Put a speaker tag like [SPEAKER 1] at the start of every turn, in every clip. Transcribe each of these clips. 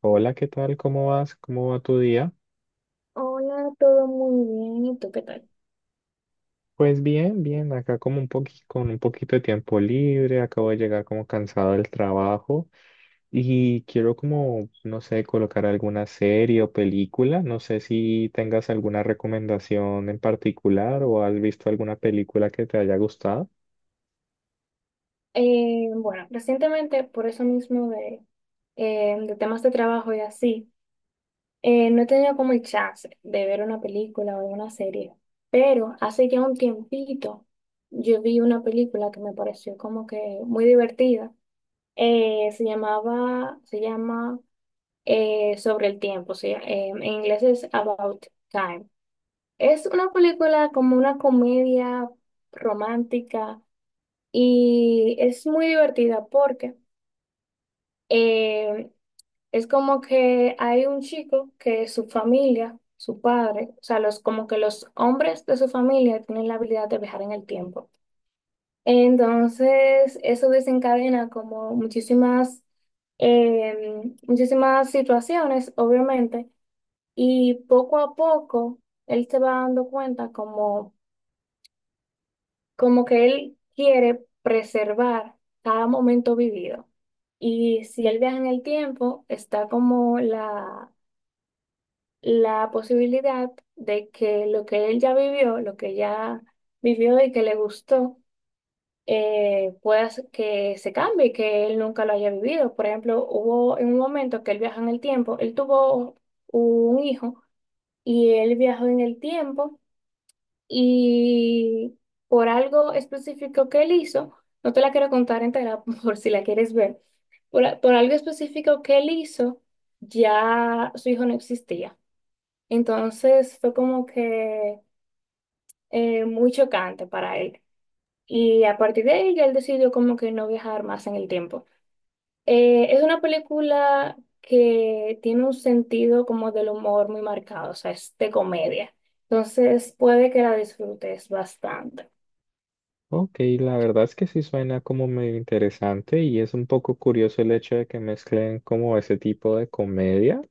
[SPEAKER 1] Hola, ¿qué tal? ¿Cómo vas? ¿Cómo va tu día?
[SPEAKER 2] Hola, todo muy bien. ¿Y tú qué tal?
[SPEAKER 1] Pues bien, bien, acá como con un poquito de tiempo libre, acabo de llegar como cansado del trabajo y quiero como, no sé, colocar alguna serie o película, no sé si tengas alguna recomendación en particular o has visto alguna película que te haya gustado.
[SPEAKER 2] Bueno, recientemente, por eso mismo de temas de trabajo y así, no he tenido como el chance de ver una película o una serie, pero hace ya un tiempito yo vi una película que me pareció como que muy divertida. Se llama Sobre el tiempo, o sea, en inglés es About Time. Es una película como una comedia romántica. Y es muy divertida porque eh, es como que hay un chico que su familia, su padre, o sea, los, como que los hombres de su familia tienen la habilidad de viajar en el tiempo. Entonces, eso desencadena como muchísimas situaciones, obviamente, y poco a poco él se va dando cuenta como que él quiere preservar cada momento vivido. Y si él viaja en el tiempo, está como la posibilidad de que lo que él ya vivió, lo que ya vivió y que le gustó, que se cambie, que él nunca lo haya vivido. Por ejemplo, hubo en un momento que él viaja en el tiempo, él tuvo un hijo y él viajó en el tiempo y por algo específico que él hizo, no te la quiero contar entera por si la quieres ver, por algo específico que él hizo, ya su hijo no existía. Entonces fue como que muy chocante para él. Y a partir de ahí ya él decidió como que no viajar más en el tiempo. Es una película que tiene un sentido como del humor muy marcado, o sea, es de comedia. Entonces puede que la disfrutes bastante.
[SPEAKER 1] Ok, la verdad es que sí suena como medio interesante y es un poco curioso el hecho de que mezclen como ese tipo de comedia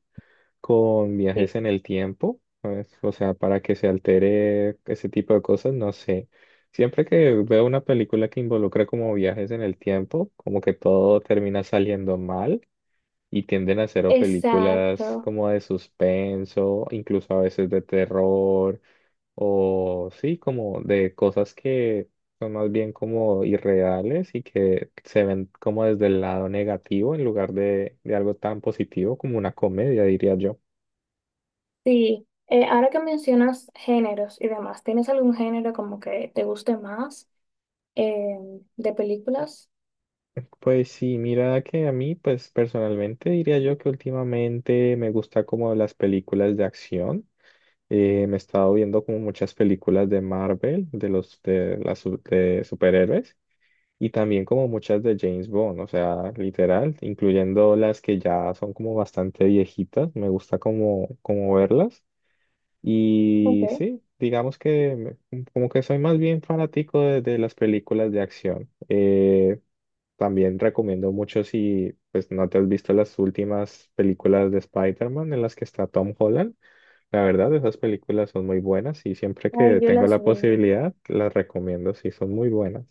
[SPEAKER 1] con
[SPEAKER 2] Sí.
[SPEAKER 1] viajes en el tiempo, ¿sabes? O sea, para que se altere ese tipo de cosas, no sé. Siempre que veo una película que involucra como viajes en el tiempo, como que todo termina saliendo mal y tienden a hacer o películas
[SPEAKER 2] Exacto,
[SPEAKER 1] como de suspenso, incluso a veces de terror, o sí, como de cosas que son más bien como irreales y que se ven como desde el lado negativo en lugar de algo tan positivo como una comedia, diría yo.
[SPEAKER 2] sí. Ahora que mencionas géneros y demás, ¿tienes algún género como que te guste más eh, de películas?
[SPEAKER 1] Pues sí, mira que a mí, pues personalmente diría yo que últimamente me gusta como las películas de acción. Me he estado viendo como muchas películas de Marvel, de los de superhéroes y también como muchas de James Bond, o sea, literal, incluyendo las que ya son como bastante viejitas. Me gusta como verlas
[SPEAKER 2] Ok,
[SPEAKER 1] y sí, digamos que como que soy más bien fanático de las películas de acción. También recomiendo mucho si pues no te has visto las últimas películas de Spider-Man en las que está Tom Holland. La verdad, esas películas son muy buenas y siempre que
[SPEAKER 2] ahí yo
[SPEAKER 1] tengo
[SPEAKER 2] las
[SPEAKER 1] la
[SPEAKER 2] vi.
[SPEAKER 1] posibilidad, las recomiendo, sí, son muy buenas.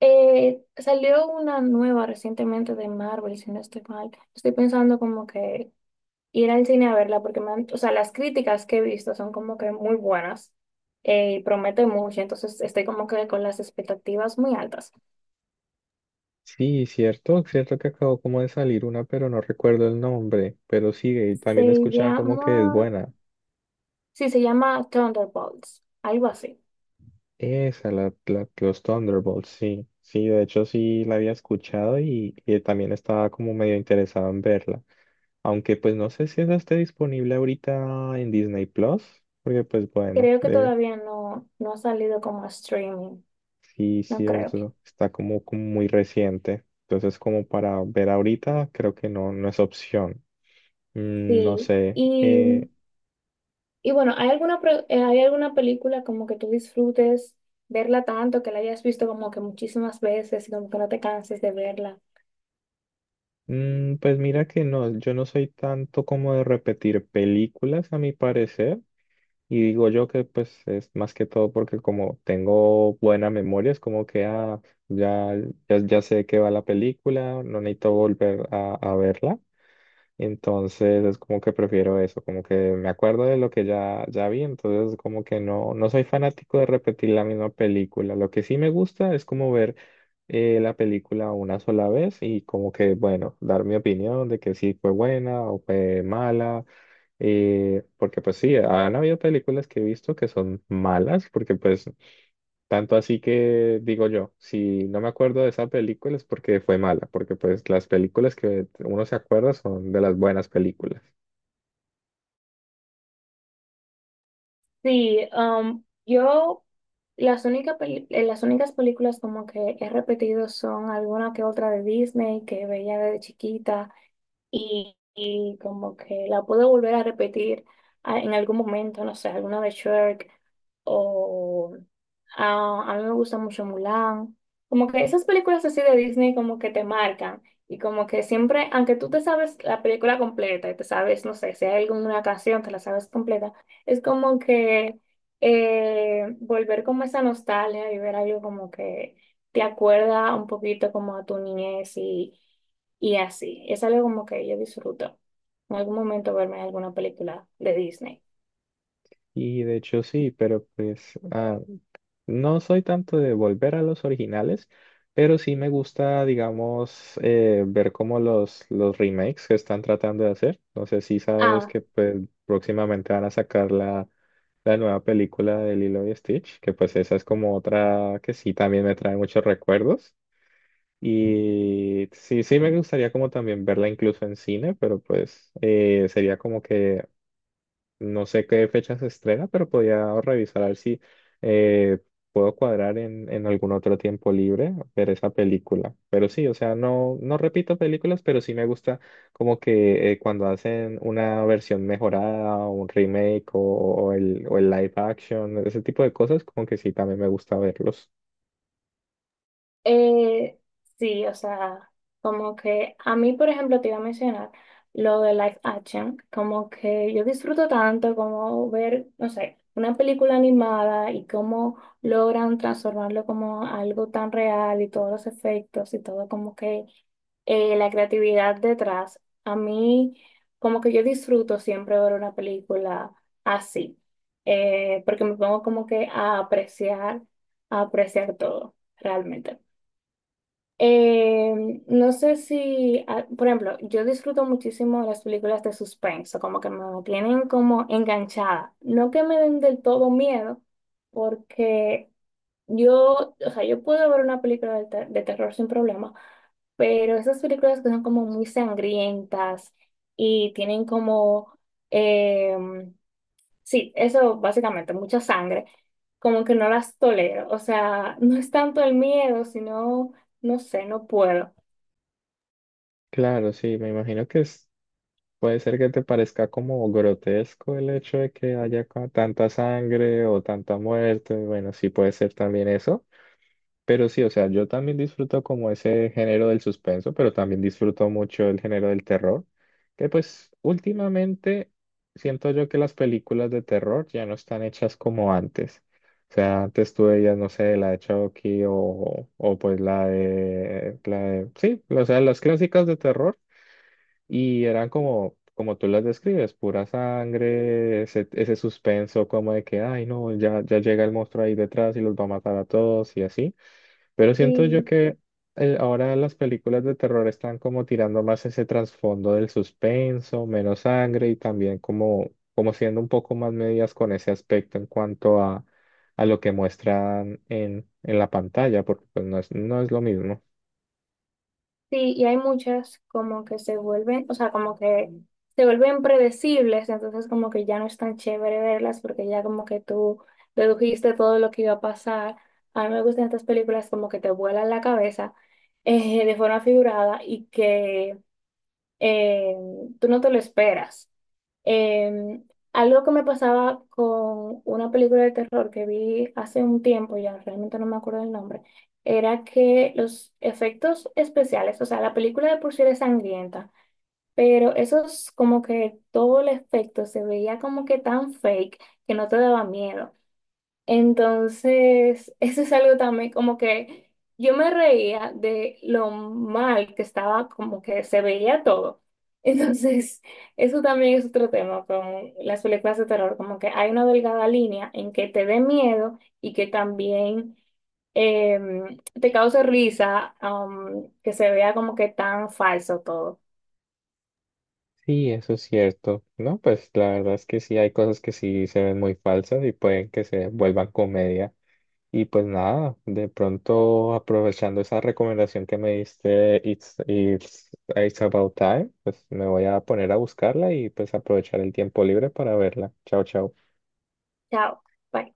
[SPEAKER 2] Salió una nueva recientemente de Marvel, si no estoy mal. Estoy pensando como que ir al cine a verla porque o sea, las críticas que he visto son como que muy buenas, y promete mucho, entonces estoy como que con las expectativas muy altas.
[SPEAKER 1] Sí, cierto, cierto que acabó como de salir una, pero no recuerdo el nombre, pero sí, y también
[SPEAKER 2] Se
[SPEAKER 1] escuchaba como que es
[SPEAKER 2] llama...
[SPEAKER 1] buena.
[SPEAKER 2] Sí, se llama Thunderbolts, algo así.
[SPEAKER 1] Esa, la, los Thunderbolts, sí, sí, de hecho sí la había escuchado y también estaba como medio interesado en verla. Aunque pues no sé si esa esté disponible ahorita en Disney Plus, porque pues bueno,
[SPEAKER 2] Creo que todavía no ha salido como streaming,
[SPEAKER 1] sí,
[SPEAKER 2] no creo.
[SPEAKER 1] cierto, está como, como muy reciente. Entonces como para ver ahorita creo que no, no es opción. Mm, no
[SPEAKER 2] Sí,
[SPEAKER 1] sé.
[SPEAKER 2] y bueno, ¿hay alguna película como que tú disfrutes verla tanto, que la hayas visto como que muchísimas veces y como que no te canses de verla?
[SPEAKER 1] Pues mira que no, yo no soy tanto como de repetir películas a mi parecer. Y digo yo que pues es más que todo porque como tengo buena memoria, es como que ah, ya, ya, ya sé que va la película, no necesito volver a verla. Entonces es como que prefiero eso, como que me acuerdo de lo que ya, ya vi, entonces como que no, no soy fanático de repetir la misma película. Lo que sí me gusta es como ver la película una sola vez y como que, bueno, dar mi opinión de que sí fue buena o fue mala, porque pues sí, han habido películas que he visto que son malas, porque pues tanto así que digo yo, si no me acuerdo de esa película es porque fue mala, porque pues las películas que uno se acuerda son de las buenas películas.
[SPEAKER 2] Sí, um, yo las únicas, las únicas películas como que he repetido son alguna que otra de Disney que veía de chiquita y como que la puedo volver a repetir en algún momento, no sé, alguna de Shrek o mí me gusta mucho Mulan. Como que esas películas así de Disney como que te marcan y como que siempre, aunque tú te sabes la película completa y te sabes, no sé, si hay alguna canción, te la sabes completa, es como que volver como esa nostalgia y ver algo como que te acuerda un poquito como a tu niñez y así. Es algo como que yo disfruto en algún momento verme alguna película de Disney.
[SPEAKER 1] Y de hecho sí, pero pues no soy tanto de volver a los originales, pero sí me gusta, digamos, ver como los remakes que están tratando de hacer. No sé si sabes
[SPEAKER 2] Ah.
[SPEAKER 1] que pues, próximamente van a sacar la, la nueva película de Lilo y Stitch, que pues esa es como otra que sí también me trae muchos recuerdos. Y sí, sí me gustaría como también verla incluso en cine, pero pues sería como que no sé qué fecha se estrena, pero podía revisar a ver si eh, puedo cuadrar en algún otro tiempo libre ver esa película. Pero sí, o sea, no, no repito películas, pero sí me gusta como que cuando hacen una versión mejorada o un remake o el live action, ese tipo de cosas, como que sí, también me gusta verlos.
[SPEAKER 2] Eh, sí, o sea, como que a mí, por ejemplo, te iba a mencionar lo de live action, como que yo disfruto tanto como ver, no sé, una película animada y cómo logran transformarlo como algo tan real y todos los efectos y todo como que la creatividad detrás. A mí, como que yo disfruto siempre ver una película así, porque me pongo como que a apreciar todo, realmente. Eh, no sé si, ah, por ejemplo, yo disfruto muchísimo de las películas de suspenso, como que me tienen como enganchada. No que me den del todo miedo, porque yo, o sea, yo puedo ver una película de terror sin problema, pero esas películas que son como muy sangrientas y tienen como, em, sí, eso básicamente, mucha sangre, como que no las tolero, o sea, no es tanto el miedo, sino, no sé, no puedo.
[SPEAKER 1] Claro, sí, me imagino que puede ser que te parezca como grotesco el hecho de que haya tanta sangre o tanta muerte. Bueno, sí puede ser también eso. Pero sí, o sea, yo también disfruto como ese género del suspenso, pero también disfruto mucho el género del terror, que pues últimamente siento yo que las películas de terror ya no están hechas como antes. O sea, antes tú veías, no sé, la de Chucky o pues la de, sí, o sea, las clásicas de terror. Y eran como, como tú las describes, pura sangre, ese suspenso como de que, ay, no, ya, ya llega el monstruo ahí detrás y los va a matar a todos y así. Pero siento yo
[SPEAKER 2] Sí,
[SPEAKER 1] que ahora las películas de terror están como tirando más ese trasfondo del suspenso, menos sangre y también como, como siendo un poco más medias con ese aspecto en cuanto a lo que muestran en la pantalla, porque pues no es, no es lo mismo.
[SPEAKER 2] sí, y hay muchas como que se vuelven, o sea, como que se vuelven predecibles, entonces como que ya no es tan chévere verlas porque ya como que tú dedujiste todo lo que iba a pasar. A mí me gustan estas películas como que te vuelan la cabeza de forma figurada y que eh, tú no te lo esperas. Em, Algo que me pasaba con una película de terror que vi hace un tiempo, ya realmente no me acuerdo el nombre, era que los efectos especiales, o sea, la película de por sí era sangrienta, pero eso es como que todo el efecto se veía como que tan fake que no te daba miedo. Entonces, eso es algo también como que yo me reía de lo mal que estaba, como que se veía todo. Entonces, eso también es otro tema con las películas de terror, como que hay una delgada línea en que te dé miedo y que también eh, te cause risa, que se vea como que tan falso todo.
[SPEAKER 1] Sí, eso es cierto. No, pues la verdad es que sí hay cosas que sí se ven muy falsas y pueden que se vuelvan comedia. Y pues nada, de pronto aprovechando esa recomendación que me diste, It's About Time, pues me voy a poner a buscarla y pues aprovechar el tiempo libre para verla. Chao, chao.
[SPEAKER 2] Chao. Bye.